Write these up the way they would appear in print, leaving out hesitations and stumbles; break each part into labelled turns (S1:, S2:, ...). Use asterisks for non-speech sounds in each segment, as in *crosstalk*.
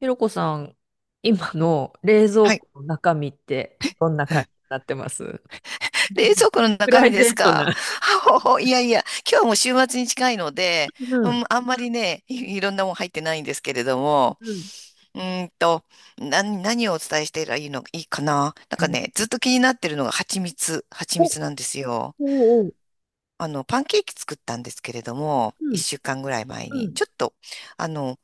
S1: ひろこさん、今の冷蔵
S2: はい。
S1: 庫の中身ってどんな感じに
S2: *laughs*
S1: なってます？
S2: 冷蔵庫の
S1: プ
S2: 中
S1: ライ
S2: 身で
S1: ベ
S2: す
S1: ート
S2: かあ？
S1: な。
S2: ほほ *laughs* いやいや、今日はもう週末に近いので、
S1: う
S2: う
S1: ん、
S2: ん、あんまりね、いろんなもん入ってないんですけれども、
S1: うん。
S2: うーんと、何をお伝えしてらいいの、いいかななんかね、ずっと気になってるのが蜂蜜、蜂蜜なんですよ。
S1: おうおう。
S2: パンケーキ作ったんですけれども、
S1: う
S2: 一
S1: ん、
S2: 週間ぐらい前
S1: う
S2: に、
S1: ん、
S2: ちょっと、あの、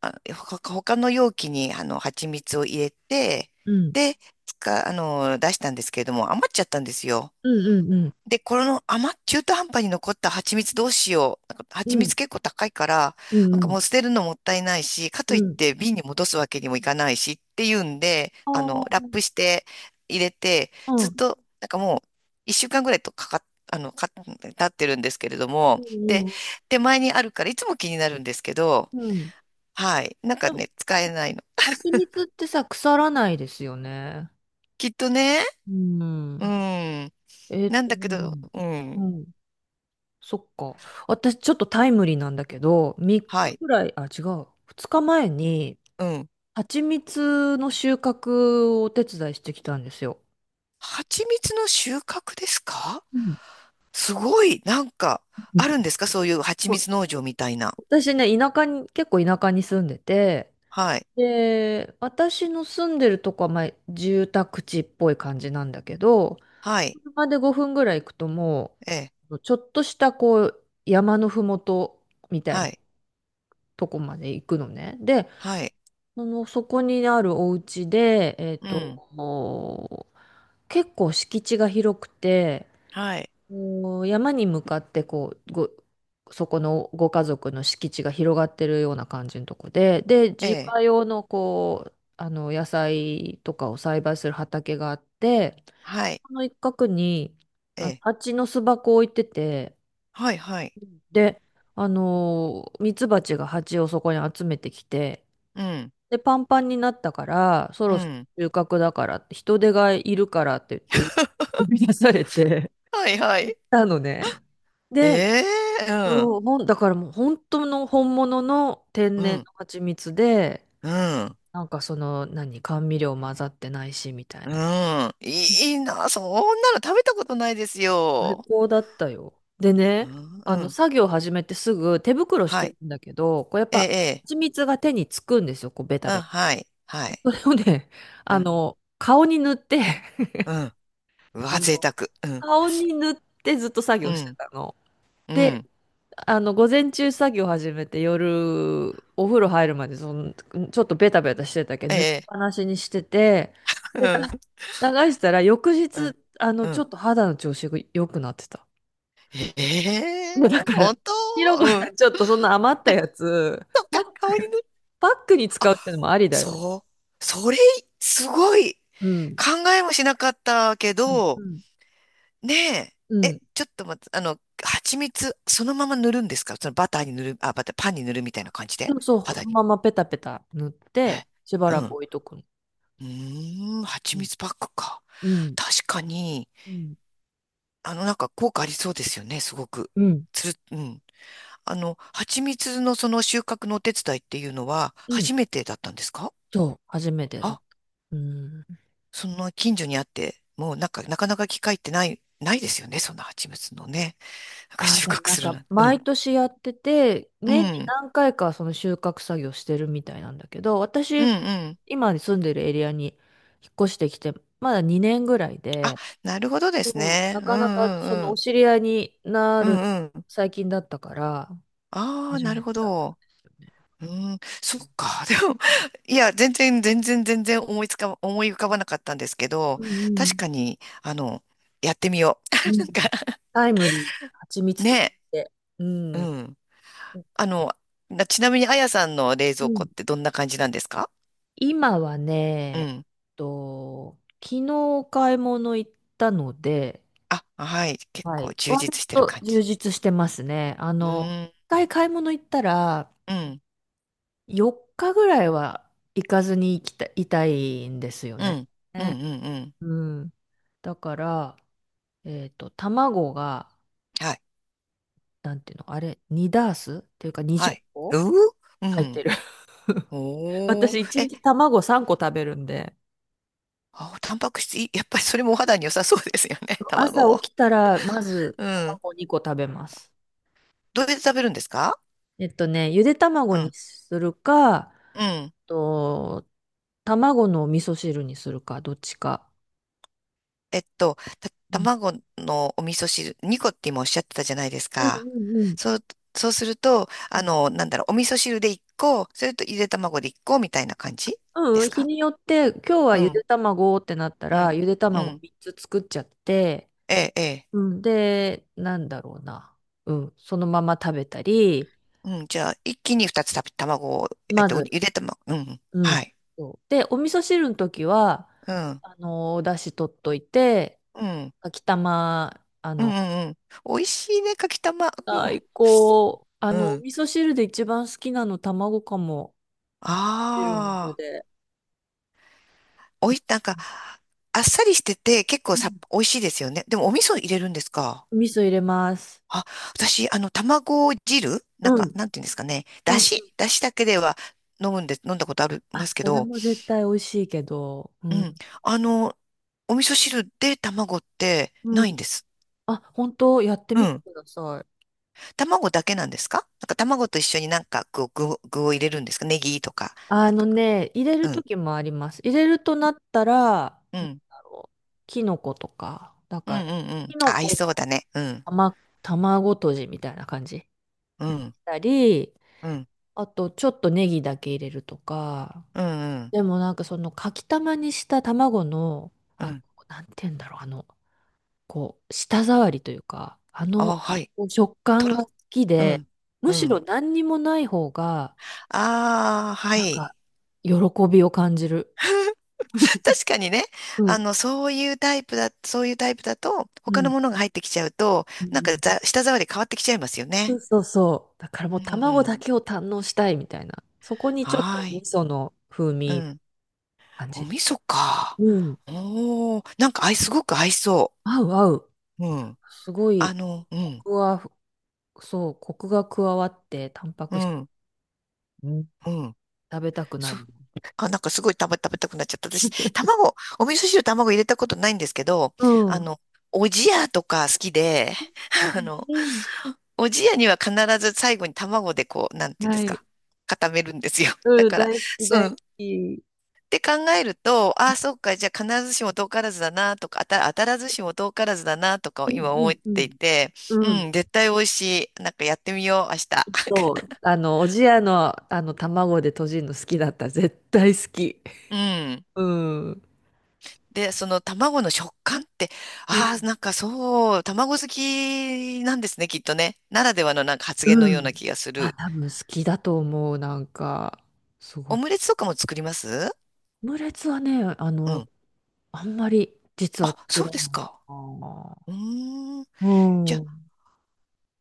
S2: 他の容器に、蜂蜜を入れて、
S1: うん、
S2: で、つか、あの、出したんですけれども、余っちゃったんですよ。
S1: うん、うん、
S2: で、この余っ、中途半端に残った蜂蜜どうしよう。なんか
S1: う
S2: 蜂
S1: ん、
S2: 蜜結構高いから、
S1: う
S2: な
S1: ん、
S2: ん
S1: う
S2: か
S1: ん。
S2: もう捨てるのもったいないし、か
S1: う
S2: といっ
S1: ん。
S2: て瓶に戻すわけにもいかないしっていうんで、ラップ
S1: あ
S2: して入れて、
S1: あ、
S2: ず
S1: う
S2: っ
S1: ん、
S2: と、なんかもう一週間ぐらいとか経ってるんですけれど
S1: う
S2: も、で、
S1: ん、
S2: 手前にあるからいつも気になるんですけど、
S1: うん。うん。
S2: はい。なんか
S1: でも、
S2: ね、使えないの。
S1: 蜂蜜ってさ、腐らないですよね。
S2: きっとね、
S1: う
S2: う
S1: ん。
S2: ん。なん
S1: う
S2: だけど、
S1: ん。
S2: う
S1: う
S2: ん。
S1: ん、そっか。私、ちょっとタイムリーなんだけど、3日
S2: はい。
S1: ぐらい、あ、違う。2日前に、
S2: うん。
S1: 蜂蜜の収穫をお手伝いしてきたんですよ。
S2: 蜂蜜の収穫ですか？
S1: うん、
S2: すごい、なんか、あるんですか？そういう蜂
S1: そう。
S2: 蜜農場みたいな。
S1: 私ね、田舎に、結構田舎に住んでて、
S2: はい。
S1: で、私の住んでるとこは、まあ、住宅地っぽい感じなんだけど、
S2: はい。
S1: 車で5分ぐらい行くとも
S2: ええ。
S1: う、ちょっとしたこう、山のふもとみたい
S2: は
S1: な
S2: い。
S1: とこまで行くのね。で、
S2: はい。
S1: その、そこにあるお家で、
S2: うん。
S1: もう結構敷地が広くて、
S2: はい。
S1: こう山に向かってこうそこのご家族の敷地が広がってるような感じのとこで、で
S2: え
S1: 自
S2: え。
S1: 家用の野菜とかを栽培する畑があって、
S2: はい。
S1: その一角に
S2: ええ。
S1: 蜂の巣箱を置いてて、
S2: はい。はい。
S1: でミツバチが蜂をそこに集めてきて、
S2: うん。
S1: でパンパンになったからそ
S2: う
S1: ろそ
S2: ん。
S1: ろ収穫だからって人手がいるからって言って呼び出されて
S2: はい。は
S1: 行っ
S2: い。
S1: たのね。で、
S2: ええ。うん。
S1: そう、もう、だからもう本当の本物の
S2: う
S1: 天然
S2: ん。
S1: の蜂蜜で、
S2: うん。
S1: なんかその、何、甘味料混ざってないし、みたい
S2: う
S1: な。
S2: ん。いいいな。そんなの食べたことないです
S1: 最
S2: よ。
S1: 高だったよ。で
S2: う
S1: ね、
S2: ん。うん。
S1: 作業始めてすぐ手袋し
S2: は
S1: て
S2: い。
S1: るんだけど、こうやっ
S2: ええ。
S1: ぱ
S2: ええ。
S1: 蜂蜜が手につくんですよ、こうベタ
S2: うん。
S1: ベタ。
S2: はい。はい。
S1: それをね、*laughs*
S2: うん。
S1: 顔に塗って、*laughs*
S2: うん。う
S1: あ
S2: わ、贅
S1: の、
S2: 沢。うん。
S1: 顔に塗ってずっと作
S2: う
S1: 業して
S2: ん。
S1: たの。
S2: う
S1: で、
S2: ん。
S1: 午前中作業始めて夜、お風呂入るまで、その、ちょっとベタベタしてたけ
S2: え
S1: ど、塗りっ
S2: え。
S1: ぱなしにしてて、
S2: う
S1: で、
S2: ん。
S1: 流したら翌
S2: う
S1: 日、
S2: ん。う
S1: ちょ
S2: ん。
S1: っと肌の調子が良くなってた。
S2: え
S1: *laughs*
S2: え
S1: もうだ
S2: ー。
S1: から、
S2: 本当？
S1: ひろこ
S2: う
S1: さ
S2: ん。
S1: ん、ちょっとそんな余ったやつ、
S2: そっ
S1: パ
S2: か、
S1: ッ
S2: 顔に
S1: ク、
S2: 塗る。
S1: パックに
S2: あ、
S1: 使うってのもありだよ。
S2: そう。それ、すごい。
S1: うん。
S2: 考えもしなかったけ
S1: うん。う
S2: ど、
S1: ん。
S2: ね
S1: う
S2: え。え、
S1: ん。
S2: ちょっと待って、蜂蜜、そのまま塗るんですか？そのバターに塗る、あ、バター、パンに塗るみたいな感じで。
S1: そうそう、そ
S2: 肌
S1: の
S2: に。
S1: ままペタペタ塗って、しば
S2: え、う
S1: ら
S2: ん。
S1: く
S2: う
S1: 置いとくの。
S2: ーん、
S1: う
S2: 蜂
S1: ん。
S2: 蜜パックか。
S1: うん。
S2: 確かに、
S1: うん。
S2: なんか効果ありそうですよね、すごく。
S1: うん。
S2: うん。蜂蜜のその収穫のお手伝いっていうのは
S1: うん。
S2: 初めてだったんですか？
S1: そう、初めてだっ
S2: あ、
S1: た。うん。
S2: その近所にあって、もうなんか、なかなか機会ってない、ないですよね、そんな蜂蜜のね。なんか
S1: あー、
S2: 収
S1: でも
S2: 穫
S1: なん
S2: する
S1: か、
S2: な。
S1: 毎年やってて、年に何回かその収穫作業してるみたいなんだけど、
S2: うんうん。
S1: 私、
S2: うんうん。
S1: 今住んでるエリアに引っ越してきて、まだ2年ぐらい
S2: あ、
S1: で、
S2: なるほどです
S1: そう
S2: ね。
S1: な
S2: うんう
S1: かなかそ
S2: ん
S1: の
S2: う
S1: お
S2: ん。
S1: 知り合いにな
S2: う
S1: るの
S2: ん
S1: が
S2: うん。
S1: 最近だったから、
S2: ああ、
S1: 初
S2: なる
S1: め
S2: ほ
S1: てだったん
S2: ど。
S1: ですよね。
S2: うん、そっか。*laughs* でも、いや、全然、全然、全然思い浮かばなかったんですけど、
S1: う
S2: 確
S1: ん
S2: かに、やってみよ
S1: うんう
S2: う。*laughs* な
S1: ん。
S2: んか、
S1: タイムリー、蜂蜜とか
S2: ね、
S1: 言って。う
S2: う
S1: ん。
S2: ん。あの、ちなみに、あやさんの冷
S1: う
S2: 蔵庫
S1: ん。
S2: ってどんな感じなんですか？
S1: 今はね、
S2: うん。
S1: 昨日お買い物行ったので、
S2: あ、はい。結
S1: は
S2: 構
S1: い。
S2: 充
S1: 割
S2: 実してる
S1: と
S2: 感
S1: 充
S2: じ。
S1: 実してますね。
S2: うーん、
S1: 一回買い物行ったら、
S2: うん、
S1: 4日ぐらいは行かずに行きた、いたいんですよ
S2: う
S1: ね。
S2: ん、うん、うん、うん。
S1: うん。だから、卵が、
S2: はい、
S1: なんていうの、あれ、2ダースっていうか
S2: は
S1: 20
S2: い。
S1: 個
S2: うーう
S1: 入って
S2: ん。
S1: る。*laughs*
S2: おー。
S1: 私、1
S2: え、
S1: 日卵3個食べるんで、
S2: あ、タンパク質いい、*laughs* やっぱりそれもお肌に良さそうですよね。*laughs* 卵
S1: 朝
S2: も。
S1: 起きたら、まず
S2: うん。
S1: 卵2個食べます。
S2: どうやって食べるんですか？
S1: ゆで
S2: う
S1: 卵に
S2: ん、
S1: するか、
S2: うん。
S1: と、卵の味噌汁にするか、どっちか。うん
S2: 卵のお味噌汁、2個って今おっしゃってたじゃないです
S1: うん
S2: か。
S1: うん
S2: そう、そうすると、
S1: うん。
S2: なんだろう、お味噌汁で1個、それとゆで卵で1個みたいな感じで
S1: うん、
S2: す
S1: 日
S2: か？
S1: によって、今日は
S2: う
S1: ゆで
S2: ん、
S1: 卵ってなった
S2: う
S1: ら、
S2: ん、
S1: ゆで
S2: う
S1: 卵
S2: ん。
S1: 3つ作っちゃって、
S2: ええ、え。
S1: うん、で、なんだろうな。うん、そのまま食べたり、
S2: うん、じゃあ、一気に二つた卵を、
S1: まず、
S2: ゆで卵、うん、
S1: う
S2: は
S1: ん。
S2: い。
S1: そうで、お味噌汁の時は、
S2: うん、
S1: お出汁取っといて、
S2: うん、
S1: 秋玉、
S2: うん、うん。うん。美味しいね、かきたま。う
S1: 最
S2: ん、
S1: 高。
S2: う
S1: お
S2: ん。
S1: 味噌汁で一番好きなの卵かも。持ってるの
S2: ああ、
S1: で。
S2: おい、なんか、あっさりしてて、結構
S1: う
S2: さ、
S1: ん、
S2: 美味しいですよね。でも、お味噌入れるんですか？
S1: お味噌入れます。
S2: あ、私、卵汁なん
S1: う
S2: か、
S1: ん。
S2: なんていうんですかね。
S1: うん。
S2: だしだけでは飲むんで、飲んだことありま
S1: あ、
S2: すけ
S1: それ
S2: ど、
S1: も絶対美味しいけど。う
S2: うん。
S1: ん。
S2: あの、お味噌汁で卵って
S1: う
S2: ないん
S1: ん。
S2: です。
S1: あ、本当やって
S2: う
S1: みて
S2: ん。
S1: ください。
S2: 卵だけなんですか？なんか卵と一緒になんかこう具を入れるんですか？ネギとか。なん
S1: あの
S2: か、
S1: ね、入れる時もあります。入れるとなったら、あ
S2: うん、うん、
S1: のキノコとか、だ
S2: うん、う
S1: から、
S2: ん、うん。
S1: キノ
S2: あ、合い
S1: コ
S2: そう
S1: の
S2: だね。うん、
S1: 卵とじみたいな感じし
S2: うん、
S1: たり、
S2: うん、
S1: あとちょっとネギだけ入れるとか、
S2: うん、うん、
S1: でもなんかそのかきたまにした卵の、
S2: う
S1: あの、
S2: ん。
S1: なんて言うんだろう、こう、舌触りというか、
S2: あ、はい。
S1: 食
S2: と
S1: 感
S2: ろ、
S1: が好き
S2: う
S1: で、
S2: ん、う
S1: むしろ
S2: ん。
S1: 何にもない方が、
S2: ああ、は
S1: なんか、
S2: い。
S1: 喜びを感じる。
S2: *laughs* 確かにね、
S1: う
S2: あ
S1: ん。
S2: の、そういうタイプだ、そういうタイプだと、
S1: う
S2: 他の
S1: ん。
S2: ものが入ってきちゃうと、
S1: う
S2: なんか
S1: ん。
S2: 舌触り変わってきちゃいますよ
S1: そ
S2: ね。
S1: うそうそう。だからも
S2: う
S1: う
S2: ん、う
S1: 卵
S2: ん。
S1: だけを堪能したいみたいな。そこにちょっ
S2: は
S1: と
S2: ー
S1: 味
S2: い。
S1: 噌の風
S2: う
S1: 味
S2: ん。
S1: 感
S2: お
S1: じ。
S2: 味噌か。
S1: うん。
S2: おー、なんか合い、すごく合いそ
S1: 合う合う。
S2: う。うん。
S1: すごい、
S2: う
S1: コ
S2: ん、
S1: クは、そう、コクが加わって、タンパ
S2: う
S1: ク質
S2: ん、うん。
S1: 食べたくな
S2: そ、
S1: る。
S2: なんかすごい食べたくなっちゃった。私、卵、お味噌汁卵入れたことないんですけど、
S1: う
S2: あ
S1: ん。
S2: の、おじやとか好きで、*laughs* あの、おじやには必ず最後に卵でこう、なんていうんで
S1: は
S2: す
S1: い。
S2: か、固めるんですよ。だ
S1: うん、
S2: から、
S1: 大好き、
S2: そ
S1: 大好
S2: う
S1: き。
S2: って考えると、ああ、そうか、じゃあ必ずしも遠からずだなとか、当たらずしも遠からずだなとか
S1: う
S2: を
S1: ん
S2: 今
S1: う
S2: 思っ
S1: んう
S2: てい
S1: ん。
S2: て、
S1: うん。
S2: うん、絶対美味しい。なんかやってみよう、明日。
S1: そう、おじやの、卵でとじるの好きだった。絶対好き。
S2: *laughs* うん。
S1: うん。
S2: で、その卵の食感って、
S1: う
S2: ああ、
S1: ん。
S2: なんかそう、卵好きなんですね、きっとね。ならではのなんか発言の
S1: う
S2: ような
S1: ん。
S2: 気がす
S1: あ、
S2: る。
S1: 多分好きだと思う。なんか、すご
S2: オ
S1: く。
S2: ムレツとかも作ります
S1: オムレツはね、
S2: うん。
S1: あんまり実は
S2: あ、
S1: 作
S2: そう
S1: ら
S2: です
S1: ないか
S2: か。
S1: な。
S2: うーん。
S1: う
S2: じゃ
S1: ん。う
S2: あ
S1: ん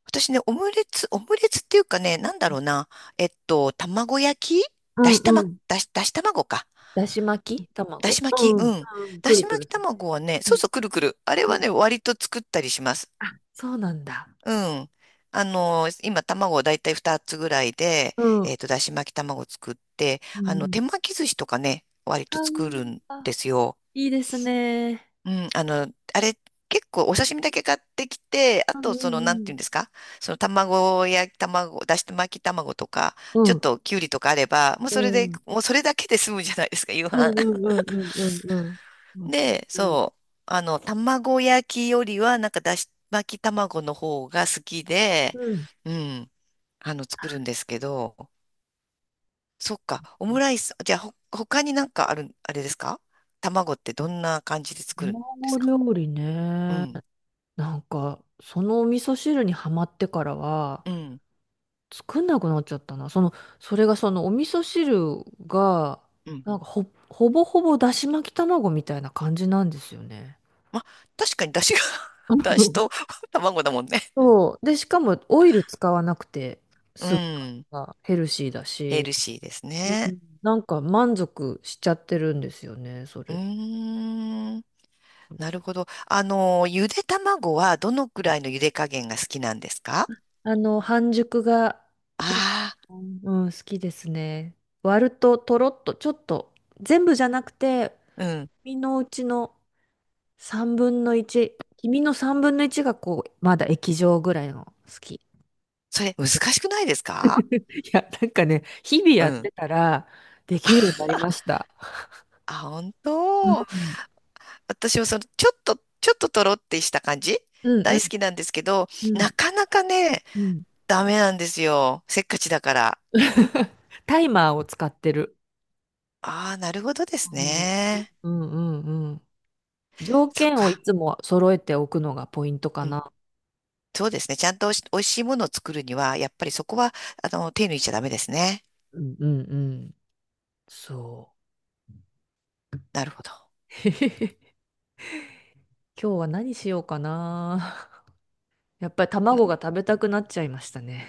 S2: 私ね、オムレツっていうかね、なんだろうな。卵焼きだし
S1: う
S2: 玉、
S1: ん。
S2: だし卵か。
S1: だし巻き
S2: だ
S1: 卵。
S2: し
S1: う
S2: 巻き、
S1: ん。
S2: うん。
S1: うん。
S2: だ
S1: くる
S2: し
S1: く
S2: 巻
S1: る
S2: き
S1: する。
S2: 卵はね、
S1: う
S2: そう
S1: ん
S2: そう、くるくる。あれ
S1: う
S2: はね、
S1: ん。
S2: 割と作ったりします。
S1: あ、そうなんだ。
S2: うん。今、卵をだいたい2つぐらいで、
S1: うん。うん
S2: だし巻き卵作って、手巻き寿司とかね、割と
S1: う
S2: 作る
S1: ん。
S2: ん
S1: あー、
S2: ですよ。
S1: いいですね。
S2: うん、あれ、結構お刺身だけ買ってきて、あ
S1: う
S2: と、その、な
S1: ん
S2: ん
S1: う
S2: ていうんで
S1: ん
S2: すか、その卵、だし巻き卵とか、
S1: う
S2: ち
S1: ん。
S2: ょ
S1: う
S2: っ
S1: ん。
S2: ときゅうりとかあれば、もう
S1: う
S2: それで、
S1: ん。
S2: もうそれだけで済むじゃないですか、夕
S1: うん
S2: 飯。
S1: うんうんうんうんうん。
S2: *laughs*
S1: わか
S2: で、
S1: る。
S2: そう、卵焼きよりは、なんかだし巻き卵の方が好きで、
S1: うん。
S2: うん、作るんですけど、そっか、オムライス、じゃあ、他になんかある、あれですか？卵ってどんな感じで作るんです
S1: 卵
S2: か？
S1: 料理
S2: う
S1: ね。
S2: ん、
S1: なんか、そのお味噌汁にはまってからは、
S2: うん、
S1: 作んなくなっちゃったな。その、それがそのお味噌汁が、
S2: うん。
S1: なんかほぼほぼだし巻き卵みたいな感じなんですよね。
S2: まあ、確かに出汁が *laughs* 出汁
S1: *laughs*
S2: と *laughs* 卵だもんね。
S1: そう。で、しかもオイル使わなくて、
S2: う
S1: スープ
S2: ん。
S1: がヘルシーだ
S2: ヘ
S1: し、
S2: ルシーです
S1: う
S2: ね。
S1: ん、なんか満足しちゃってるんですよね、そ
S2: う
S1: れ。
S2: ーん。なるほど。ゆで卵はどのくらいのゆで加減が好きなんですか？
S1: 半熟が、
S2: あ
S1: うん、好きですね。割ると、とろっと、ちょっと、全部じゃなくて、
S2: あー、うん。
S1: 身のうちの3分の1、黄身の3分の1がこう、まだ液状ぐらいの好き。
S2: それ難しくないですか？
S1: いや、なんかね、日々
S2: う
S1: やっ
S2: ん。
S1: てたらできるようになりました。
S2: あ、本
S1: う
S2: 当？
S1: ん。
S2: 私はその、ちょっととろってした感じ
S1: うんう
S2: 大好きなんですけど、
S1: ん。う
S2: な
S1: ん。
S2: かなかね、
S1: うん。
S2: ダメなんですよ。せっかちだから。
S1: *laughs* タイマーを使ってる。
S2: ああ、なるほどで
S1: う
S2: す
S1: ん。
S2: ね。
S1: うんうんうん。条
S2: そっ
S1: 件をい
S2: か。
S1: つも揃えておくのがポイントかな。
S2: そうですね。ちゃんとおいし美味しいものを作るには、やっぱりそこは、手抜いちゃダメですね。
S1: うんうんうん。そう。
S2: なるほど。
S1: *laughs* へへへ今日は何しようかな。やっぱり卵が食べたくなっちゃいましたね。